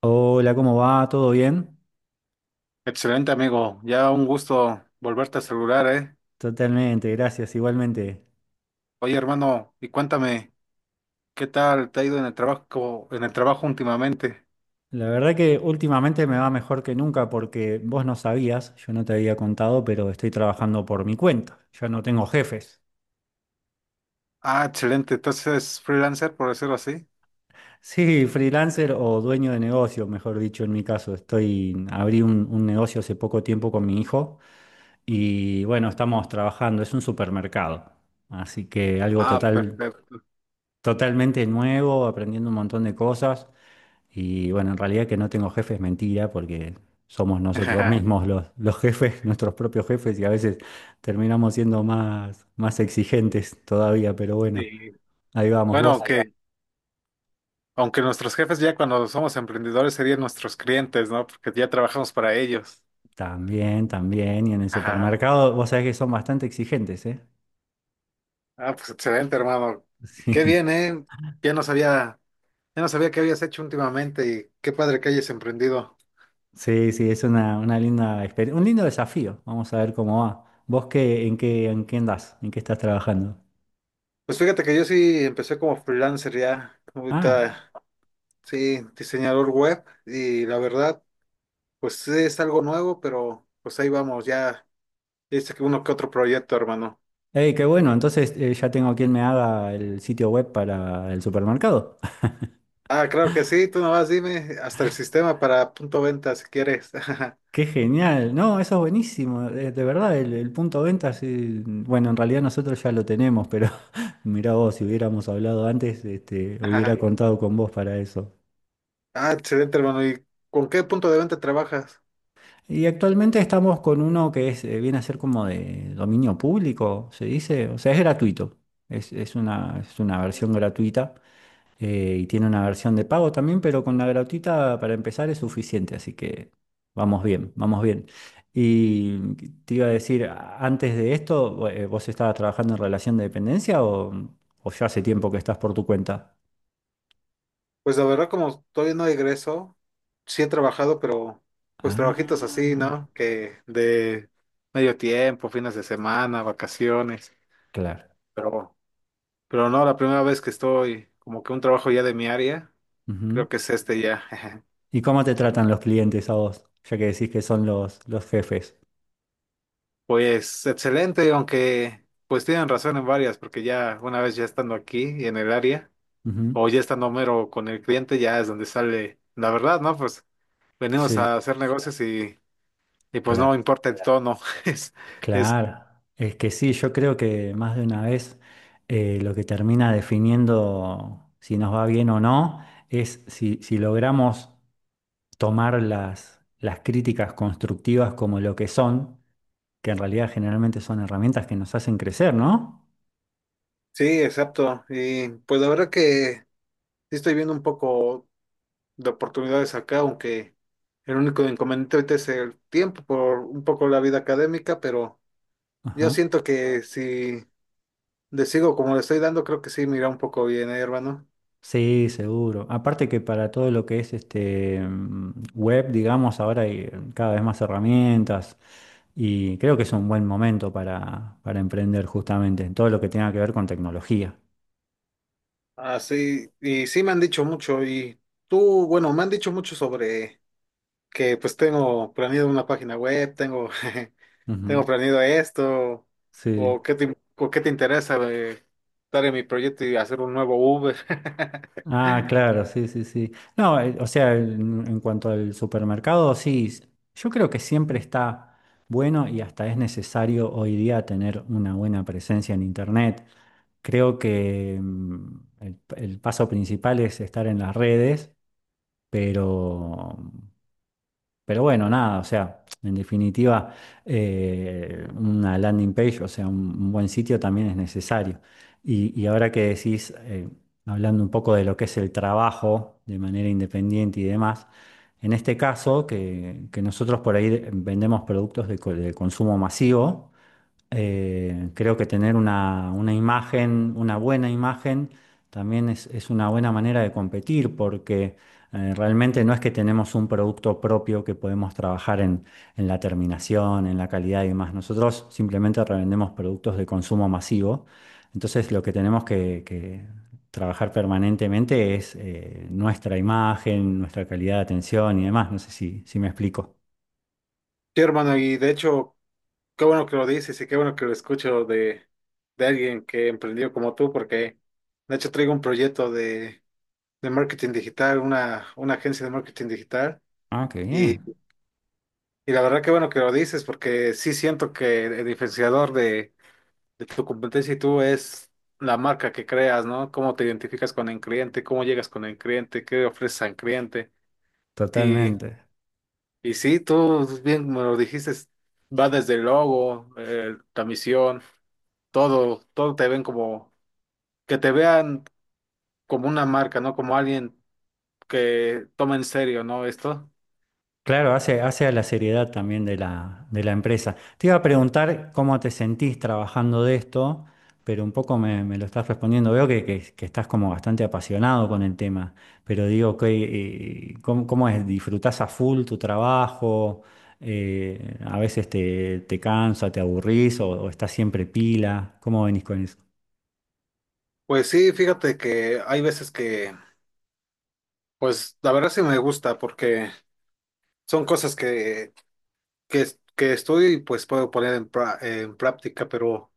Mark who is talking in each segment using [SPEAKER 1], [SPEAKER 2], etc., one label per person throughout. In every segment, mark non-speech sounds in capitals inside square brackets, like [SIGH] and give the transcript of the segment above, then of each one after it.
[SPEAKER 1] Hola, ¿cómo va? ¿Todo bien?
[SPEAKER 2] Excelente, amigo. Ya un gusto volverte a saludar, ¿eh?
[SPEAKER 1] Totalmente, gracias, igualmente.
[SPEAKER 2] Oye, hermano, y cuéntame, ¿qué tal te ha ido en el trabajo últimamente?
[SPEAKER 1] La verdad que últimamente me va mejor que nunca porque vos no sabías, yo no te había contado, pero estoy trabajando por mi cuenta, ya no tengo jefes.
[SPEAKER 2] Ah, excelente. Entonces freelancer, por decirlo así.
[SPEAKER 1] [LAUGHS] Sí, freelancer o dueño de negocio, mejor dicho, en mi caso. Estoy, abrí un negocio hace poco tiempo con mi hijo y bueno, estamos trabajando, es un supermercado, así que algo
[SPEAKER 2] Ah, sí,
[SPEAKER 1] total,
[SPEAKER 2] perfecto.
[SPEAKER 1] totalmente nuevo, aprendiendo un montón de cosas. Y bueno, en realidad que no tengo jefe es mentira porque somos nosotros
[SPEAKER 2] [LAUGHS]
[SPEAKER 1] mismos los jefes, [LAUGHS] nuestros propios jefes y a veces terminamos siendo más exigentes todavía, pero bueno,
[SPEAKER 2] Sí.
[SPEAKER 1] ahí vamos
[SPEAKER 2] Bueno,
[SPEAKER 1] vos.
[SPEAKER 2] aunque nuestros jefes ya cuando somos emprendedores serían nuestros clientes, ¿no? Porque ya trabajamos para ellos.
[SPEAKER 1] También, también. Y en el
[SPEAKER 2] [LAUGHS] Ajá.
[SPEAKER 1] supermercado, vos sabés que son bastante exigentes, ¿eh?
[SPEAKER 2] Ah, pues excelente, hermano.
[SPEAKER 1] [LAUGHS]
[SPEAKER 2] Qué bien,
[SPEAKER 1] Sí,
[SPEAKER 2] ¿eh? Ya no sabía, ya no sabía qué habías hecho últimamente y qué padre que hayas emprendido.
[SPEAKER 1] sí, sí, es una linda experiencia, un lindo desafío. Vamos a ver cómo va. ¿Vos qué, en qué andás? ¿En qué estás trabajando?
[SPEAKER 2] Pues fíjate que yo sí empecé como freelancer ya,
[SPEAKER 1] Ah,
[SPEAKER 2] ahorita sí, diseñador web y la verdad, pues sí, es algo nuevo, pero pues ahí vamos, ya dice que uno que otro proyecto, hermano.
[SPEAKER 1] hey, qué bueno. Entonces ya tengo quien me haga el sitio web para el supermercado.
[SPEAKER 2] Ah, claro que sí, tú nomás dime, hasta el sistema para punto venta si quieres. [LAUGHS]
[SPEAKER 1] Qué genial, no, eso es buenísimo, de verdad, el punto de venta, sí, bueno, en realidad nosotros ya lo tenemos, pero [LAUGHS] mirá vos, si hubiéramos hablado antes, este,
[SPEAKER 2] Ajá.
[SPEAKER 1] hubiera contado con vos para eso.
[SPEAKER 2] Ah, excelente, hermano. ¿Y con qué punto de venta trabajas?
[SPEAKER 1] Y actualmente estamos con uno que es, viene a ser como de dominio público, se dice, o sea, es gratuito, es una versión gratuita y tiene una versión de pago también, pero con la gratuita para empezar es suficiente, así que vamos bien. Y te iba a decir, antes de esto, ¿vos estabas trabajando en relación de dependencia o ya hace tiempo que estás por tu cuenta?
[SPEAKER 2] Pues la verdad, como todavía no egreso, sí he trabajado, pero pues trabajitos así,
[SPEAKER 1] Ah,
[SPEAKER 2] ¿no? Que de medio tiempo, fines de semana, vacaciones.
[SPEAKER 1] claro.
[SPEAKER 2] Pero, pero no, la primera vez que estoy como que un trabajo ya de mi área,
[SPEAKER 1] Ujú.
[SPEAKER 2] creo que es este ya. [LAUGHS]
[SPEAKER 1] ¿Y cómo te tratan los clientes a vos? Ya que decís que son los jefes.
[SPEAKER 2] Pues excelente, aunque pues tienen razón en varias, porque ya una vez ya estando aquí y en el área,
[SPEAKER 1] Ujú.
[SPEAKER 2] o ya estando mero con el cliente, ya es donde sale la verdad, ¿no? Pues venimos
[SPEAKER 1] Sí,
[SPEAKER 2] a hacer negocios y pues
[SPEAKER 1] claro.
[SPEAKER 2] no importa el tono. [LAUGHS] Es, es,
[SPEAKER 1] Claro, es que sí, yo creo que más de una vez lo que termina definiendo si nos va bien o no es si logramos tomar las críticas constructivas como lo que son, que en realidad generalmente son herramientas que nos hacen crecer, ¿no?
[SPEAKER 2] sí, exacto. Y pues la verdad que sí estoy viendo un poco de oportunidades acá, aunque el único inconveniente ahorita es el tiempo por un poco la vida académica, pero yo
[SPEAKER 1] Ajá.
[SPEAKER 2] siento que si le sigo como le estoy dando, creo que sí mira un poco bien, hermano.
[SPEAKER 1] Sí, seguro. Aparte que para todo lo que es este web, digamos, ahora hay cada vez más herramientas y creo que es un buen momento para emprender justamente en todo lo que tenga que ver con tecnología.
[SPEAKER 2] Así, y sí me han dicho mucho, y tú, bueno, me han dicho mucho sobre que pues tengo planeado una página web, tengo, [LAUGHS] tengo
[SPEAKER 1] Ujú.
[SPEAKER 2] planeado esto,
[SPEAKER 1] Sí.
[SPEAKER 2] o qué te interesa estar en mi proyecto y hacer un nuevo Uber. [LAUGHS]
[SPEAKER 1] Ah, claro, sí, sí, sí. No, o sea, en cuanto al supermercado, sí, yo creo que siempre está bueno y hasta es necesario hoy día tener una buena presencia en Internet. Creo que el paso principal es estar en las redes, pero pero bueno, nada, o sea, en definitiva, una landing page, o sea, un buen sitio también es necesario. Y ahora que decís, hablando un poco de lo que es el trabajo de manera independiente y demás, en este caso, que nosotros por ahí vendemos productos de, de consumo masivo, creo que tener una imagen, una buena imagen, también es una buena manera de competir porque realmente no es que tenemos un producto propio que podemos trabajar en la terminación, en la calidad y demás. Nosotros simplemente revendemos productos de consumo masivo. Entonces lo que tenemos que trabajar permanentemente es nuestra imagen, nuestra calidad de atención y demás. No sé si, si me explico.
[SPEAKER 2] Sí, hermano, y de hecho, qué bueno que lo dices y qué bueno que lo escucho de alguien que emprendió como tú, porque de hecho traigo un proyecto de marketing digital, una agencia de marketing digital,
[SPEAKER 1] Ah, qué
[SPEAKER 2] y,
[SPEAKER 1] bien.
[SPEAKER 2] y la verdad qué bueno que lo dices, porque sí siento que el diferenciador de tu competencia y tú es la marca que creas, ¿no? Cómo te identificas con el cliente, cómo llegas con el cliente, qué ofreces al cliente.
[SPEAKER 1] Totalmente.
[SPEAKER 2] Y sí, tú bien me lo dijiste, va desde el logo, la misión, todo, todo te ven como, que te vean como una marca, ¿no? Como alguien que toma en serio, ¿no? Esto.
[SPEAKER 1] Claro, hace, hace a la seriedad también de la empresa. Te iba a preguntar cómo te sentís trabajando de esto, pero un poco me, me lo estás respondiendo. Veo que, que estás como bastante apasionado con el tema, pero digo, que, ¿cómo, cómo es? ¿Disfrutás a full tu trabajo? ¿A veces te, te cansa, te aburrís o estás siempre pila? ¿Cómo venís con eso?
[SPEAKER 2] Pues sí, fíjate que hay veces que, pues la verdad sí me gusta porque son cosas que, que, que estudio y pues puedo poner en, pra- en práctica, pero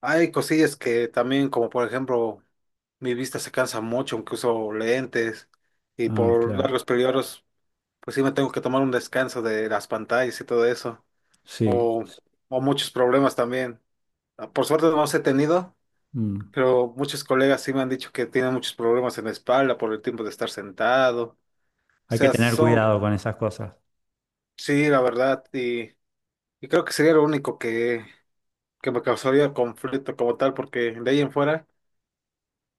[SPEAKER 2] hay cosillas que también, como por ejemplo, mi vista se cansa mucho, aunque uso lentes y
[SPEAKER 1] Ah,
[SPEAKER 2] por
[SPEAKER 1] claro,
[SPEAKER 2] largos periodos. Pues sí, me tengo que tomar un descanso de las pantallas y todo eso.
[SPEAKER 1] sí.
[SPEAKER 2] O, o muchos problemas también. Ah, por suerte no los he tenido,
[SPEAKER 1] Mm.
[SPEAKER 2] pero muchos colegas sí me han dicho que tienen muchos problemas en la espalda por el tiempo de estar sentado. O
[SPEAKER 1] Hay que
[SPEAKER 2] sea,
[SPEAKER 1] tener
[SPEAKER 2] son,
[SPEAKER 1] cuidado con esas cosas.
[SPEAKER 2] sí, la verdad, y creo que sería lo único que me causaría conflicto como tal, porque de ahí en fuera,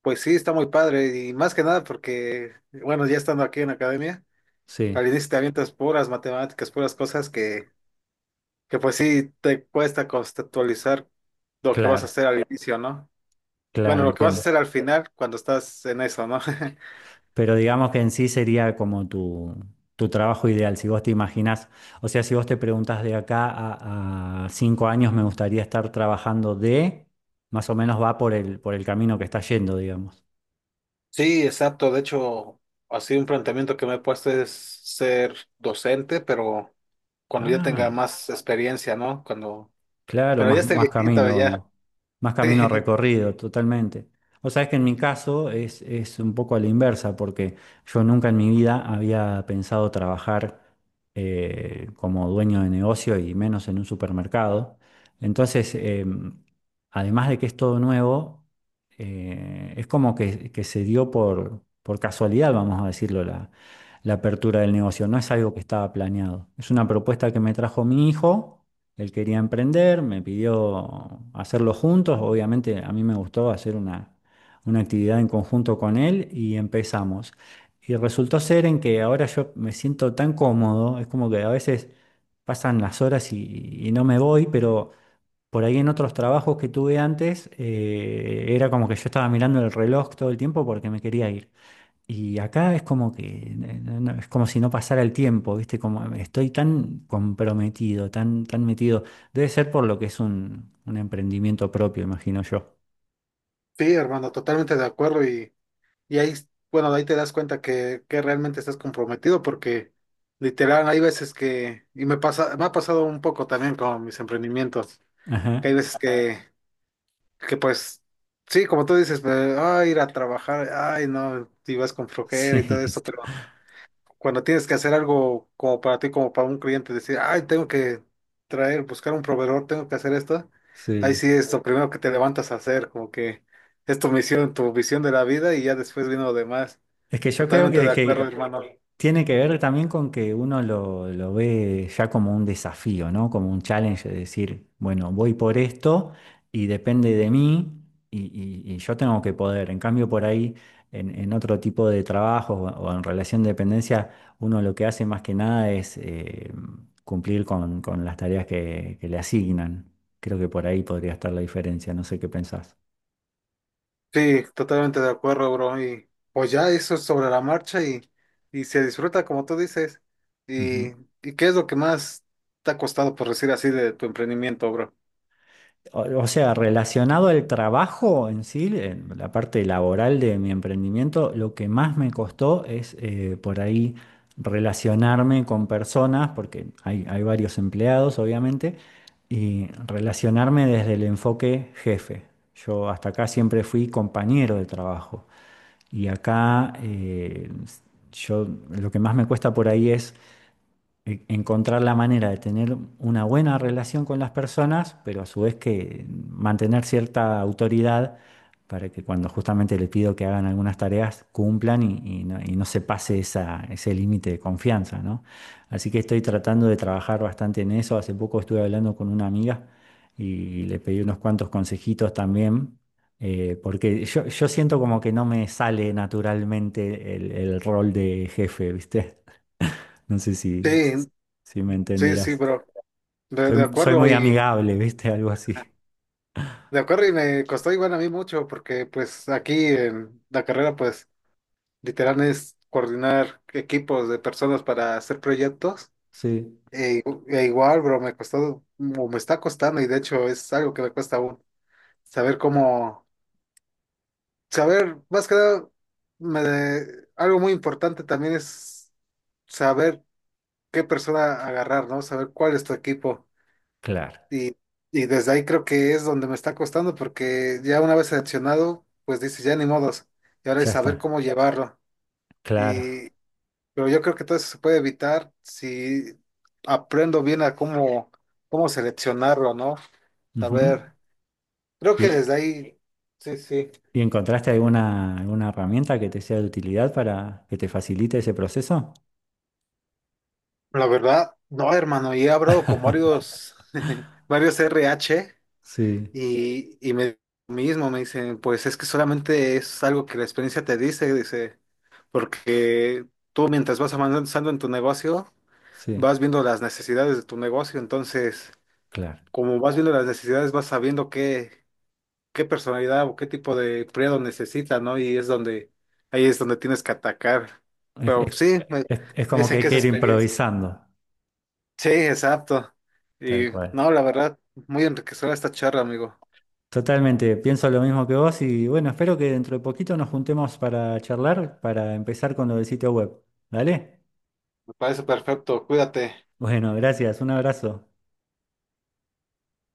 [SPEAKER 2] pues sí, está muy padre. Y más que nada porque, bueno, ya estando aquí en la academia,
[SPEAKER 1] Sí,
[SPEAKER 2] al inicio te avientas puras matemáticas, puras cosas que pues sí te cuesta conceptualizar lo que vas a
[SPEAKER 1] claro,
[SPEAKER 2] hacer al inicio, ¿no?
[SPEAKER 1] claro,
[SPEAKER 2] Bueno, lo que vas a
[SPEAKER 1] entiendo.
[SPEAKER 2] hacer al final cuando estás en eso, ¿no? [LAUGHS]
[SPEAKER 1] Pero digamos que en sí sería como tu trabajo ideal, si vos te imaginás, o sea, si vos te preguntás de acá a 5 años me gustaría estar trabajando de, más o menos va por el camino que está yendo, digamos.
[SPEAKER 2] Sí, exacto. De hecho, así un planteamiento que me he puesto es ser docente, pero cuando ya tenga
[SPEAKER 1] Ah.
[SPEAKER 2] más experiencia, ¿no? Cuando,
[SPEAKER 1] Claro,
[SPEAKER 2] pero ya
[SPEAKER 1] más,
[SPEAKER 2] esté viejito, ya.
[SPEAKER 1] más
[SPEAKER 2] [LAUGHS]
[SPEAKER 1] camino
[SPEAKER 2] Sí,
[SPEAKER 1] recorrido, totalmente. O sea, es que en mi caso es un poco a la inversa, porque yo nunca en mi vida había pensado trabajar como dueño de negocio y menos en un supermercado. Entonces, además de que es todo nuevo, es como que se dio por casualidad, vamos a decirlo, la apertura del negocio. No es algo que estaba planeado. Es una propuesta que me trajo mi hijo. Él quería emprender, me pidió hacerlo juntos. Obviamente a mí me gustó hacer una actividad en conjunto con él y empezamos. Y resultó ser en que ahora yo me siento tan cómodo, es como que a veces pasan las horas y no me voy, pero por ahí en otros trabajos que tuve antes, era como que yo estaba mirando el reloj todo el tiempo porque me quería ir. Y acá es como que, no, es como si no pasara el tiempo, ¿viste? Como estoy tan comprometido, tan, tan metido. Debe ser por lo que es un emprendimiento propio, imagino yo.
[SPEAKER 2] sí, hermano, totalmente de acuerdo. Y ahí, bueno, ahí te das cuenta que realmente estás comprometido porque literal hay veces que, y me pasa, me ha pasado un poco también con mis emprendimientos. Que hay
[SPEAKER 1] Ajá.
[SPEAKER 2] veces que pues, sí, como tú dices, pues, ay, ir a trabajar, ay, no, y vas con flojera y todo
[SPEAKER 1] Sí,
[SPEAKER 2] eso,
[SPEAKER 1] [LAUGHS]
[SPEAKER 2] pero cuando tienes que hacer algo como para ti, como para un cliente, decir, ay, tengo que traer, buscar un proveedor, tengo que hacer esto, ahí
[SPEAKER 1] sí.
[SPEAKER 2] sí es lo primero que te levantas a hacer, como que es tu misión, tu visión de la vida y ya después vino lo demás.
[SPEAKER 1] Es que yo creo
[SPEAKER 2] Totalmente de acuerdo,
[SPEAKER 1] que,
[SPEAKER 2] hermano.
[SPEAKER 1] tiene que ver también con que uno lo ve ya como un desafío, ¿no? Como un challenge de decir, bueno, voy por esto y depende de mí y, y yo tengo que poder. En cambio, por ahí, en otro tipo de trabajo o en relación de dependencia, uno lo que hace más que nada es cumplir con las tareas que le asignan. Creo que por ahí podría estar la diferencia, no sé qué pensás.
[SPEAKER 2] Sí, totalmente de acuerdo, bro. Y pues ya eso es sobre la marcha y se disfruta como tú dices. ¿Y,
[SPEAKER 1] Ujú.
[SPEAKER 2] y qué es lo que más te ha costado, por decir así, de tu emprendimiento, bro?
[SPEAKER 1] O sea, relacionado al trabajo en sí, en la parte laboral de mi emprendimiento, lo que más me costó es por ahí relacionarme con personas, porque hay varios empleados, obviamente, y relacionarme desde el enfoque jefe. Yo hasta acá siempre fui compañero de trabajo y acá yo lo que más me cuesta por ahí es encontrar la manera de tener una buena relación con las personas, pero a su vez que mantener cierta autoridad para que cuando justamente le pido que hagan algunas tareas cumplan y no se pase esa, ese límite de confianza, ¿no? Así que estoy tratando de trabajar bastante en eso. Hace poco estuve hablando con una amiga y le pedí unos cuantos consejitos también. Porque yo siento como que no me sale naturalmente el rol de jefe, ¿viste? [LAUGHS] No sé si,
[SPEAKER 2] Sí,
[SPEAKER 1] si me
[SPEAKER 2] sí, sí,
[SPEAKER 1] entenderás.
[SPEAKER 2] bro. De, de
[SPEAKER 1] Soy, soy
[SPEAKER 2] acuerdo
[SPEAKER 1] muy
[SPEAKER 2] y
[SPEAKER 1] amigable, [LAUGHS] ¿viste? Algo así.
[SPEAKER 2] de acuerdo y me costó igual a mí mucho porque pues aquí en la carrera pues literal es coordinar equipos de personas para hacer proyectos.
[SPEAKER 1] Sí.
[SPEAKER 2] E, e igual, bro, me costó, o me está costando y de hecho es algo que me cuesta aún saber cómo. Saber, más que nada, me de- algo muy importante también es saber qué persona agarrar, ¿no? Saber cuál es tu equipo.
[SPEAKER 1] Claro,
[SPEAKER 2] Y, y desde ahí creo que es donde me está costando, porque ya una vez seleccionado, pues dices, ya ni modos. Y ahora
[SPEAKER 1] ya
[SPEAKER 2] es saber
[SPEAKER 1] está.
[SPEAKER 2] cómo llevarlo. Y,
[SPEAKER 1] Claro.
[SPEAKER 2] pero yo creo que todo eso se puede evitar si aprendo bien a cómo, cómo seleccionarlo, ¿no?
[SPEAKER 1] Ujú.
[SPEAKER 2] Saber, creo que
[SPEAKER 1] ¿Y,
[SPEAKER 2] desde ahí, sí, sí.
[SPEAKER 1] y encontraste alguna, alguna herramienta que te sea de utilidad para que te facilite ese proceso?
[SPEAKER 2] La verdad, no, hermano, y he hablado con varios, [LAUGHS] varios RH
[SPEAKER 1] Sí,
[SPEAKER 2] y me mismo me dicen, pues es que solamente es algo que la experiencia te dice, dice, porque tú mientras vas avanzando en tu negocio,
[SPEAKER 1] sí.
[SPEAKER 2] vas viendo las necesidades de tu negocio, entonces,
[SPEAKER 1] Claro.
[SPEAKER 2] como vas viendo las necesidades, vas sabiendo qué, qué personalidad o qué tipo de empleado necesita, ¿no? Y es donde, ahí es donde tienes que atacar.
[SPEAKER 1] Es,
[SPEAKER 2] Pero sí, me,
[SPEAKER 1] es
[SPEAKER 2] me
[SPEAKER 1] como que
[SPEAKER 2] dicen
[SPEAKER 1] hay
[SPEAKER 2] que es
[SPEAKER 1] que ir
[SPEAKER 2] experiencia.
[SPEAKER 1] improvisando,
[SPEAKER 2] Sí, exacto.
[SPEAKER 1] tal
[SPEAKER 2] Y
[SPEAKER 1] cual.
[SPEAKER 2] no, la verdad, muy enriquecedora esta charla, amigo.
[SPEAKER 1] Totalmente, pienso lo mismo que vos y bueno, espero que dentro de poquito nos juntemos para charlar, para empezar con lo del sitio web. ¿Dale?
[SPEAKER 2] Me parece perfecto. Cuídate.
[SPEAKER 1] Bueno, gracias, un abrazo.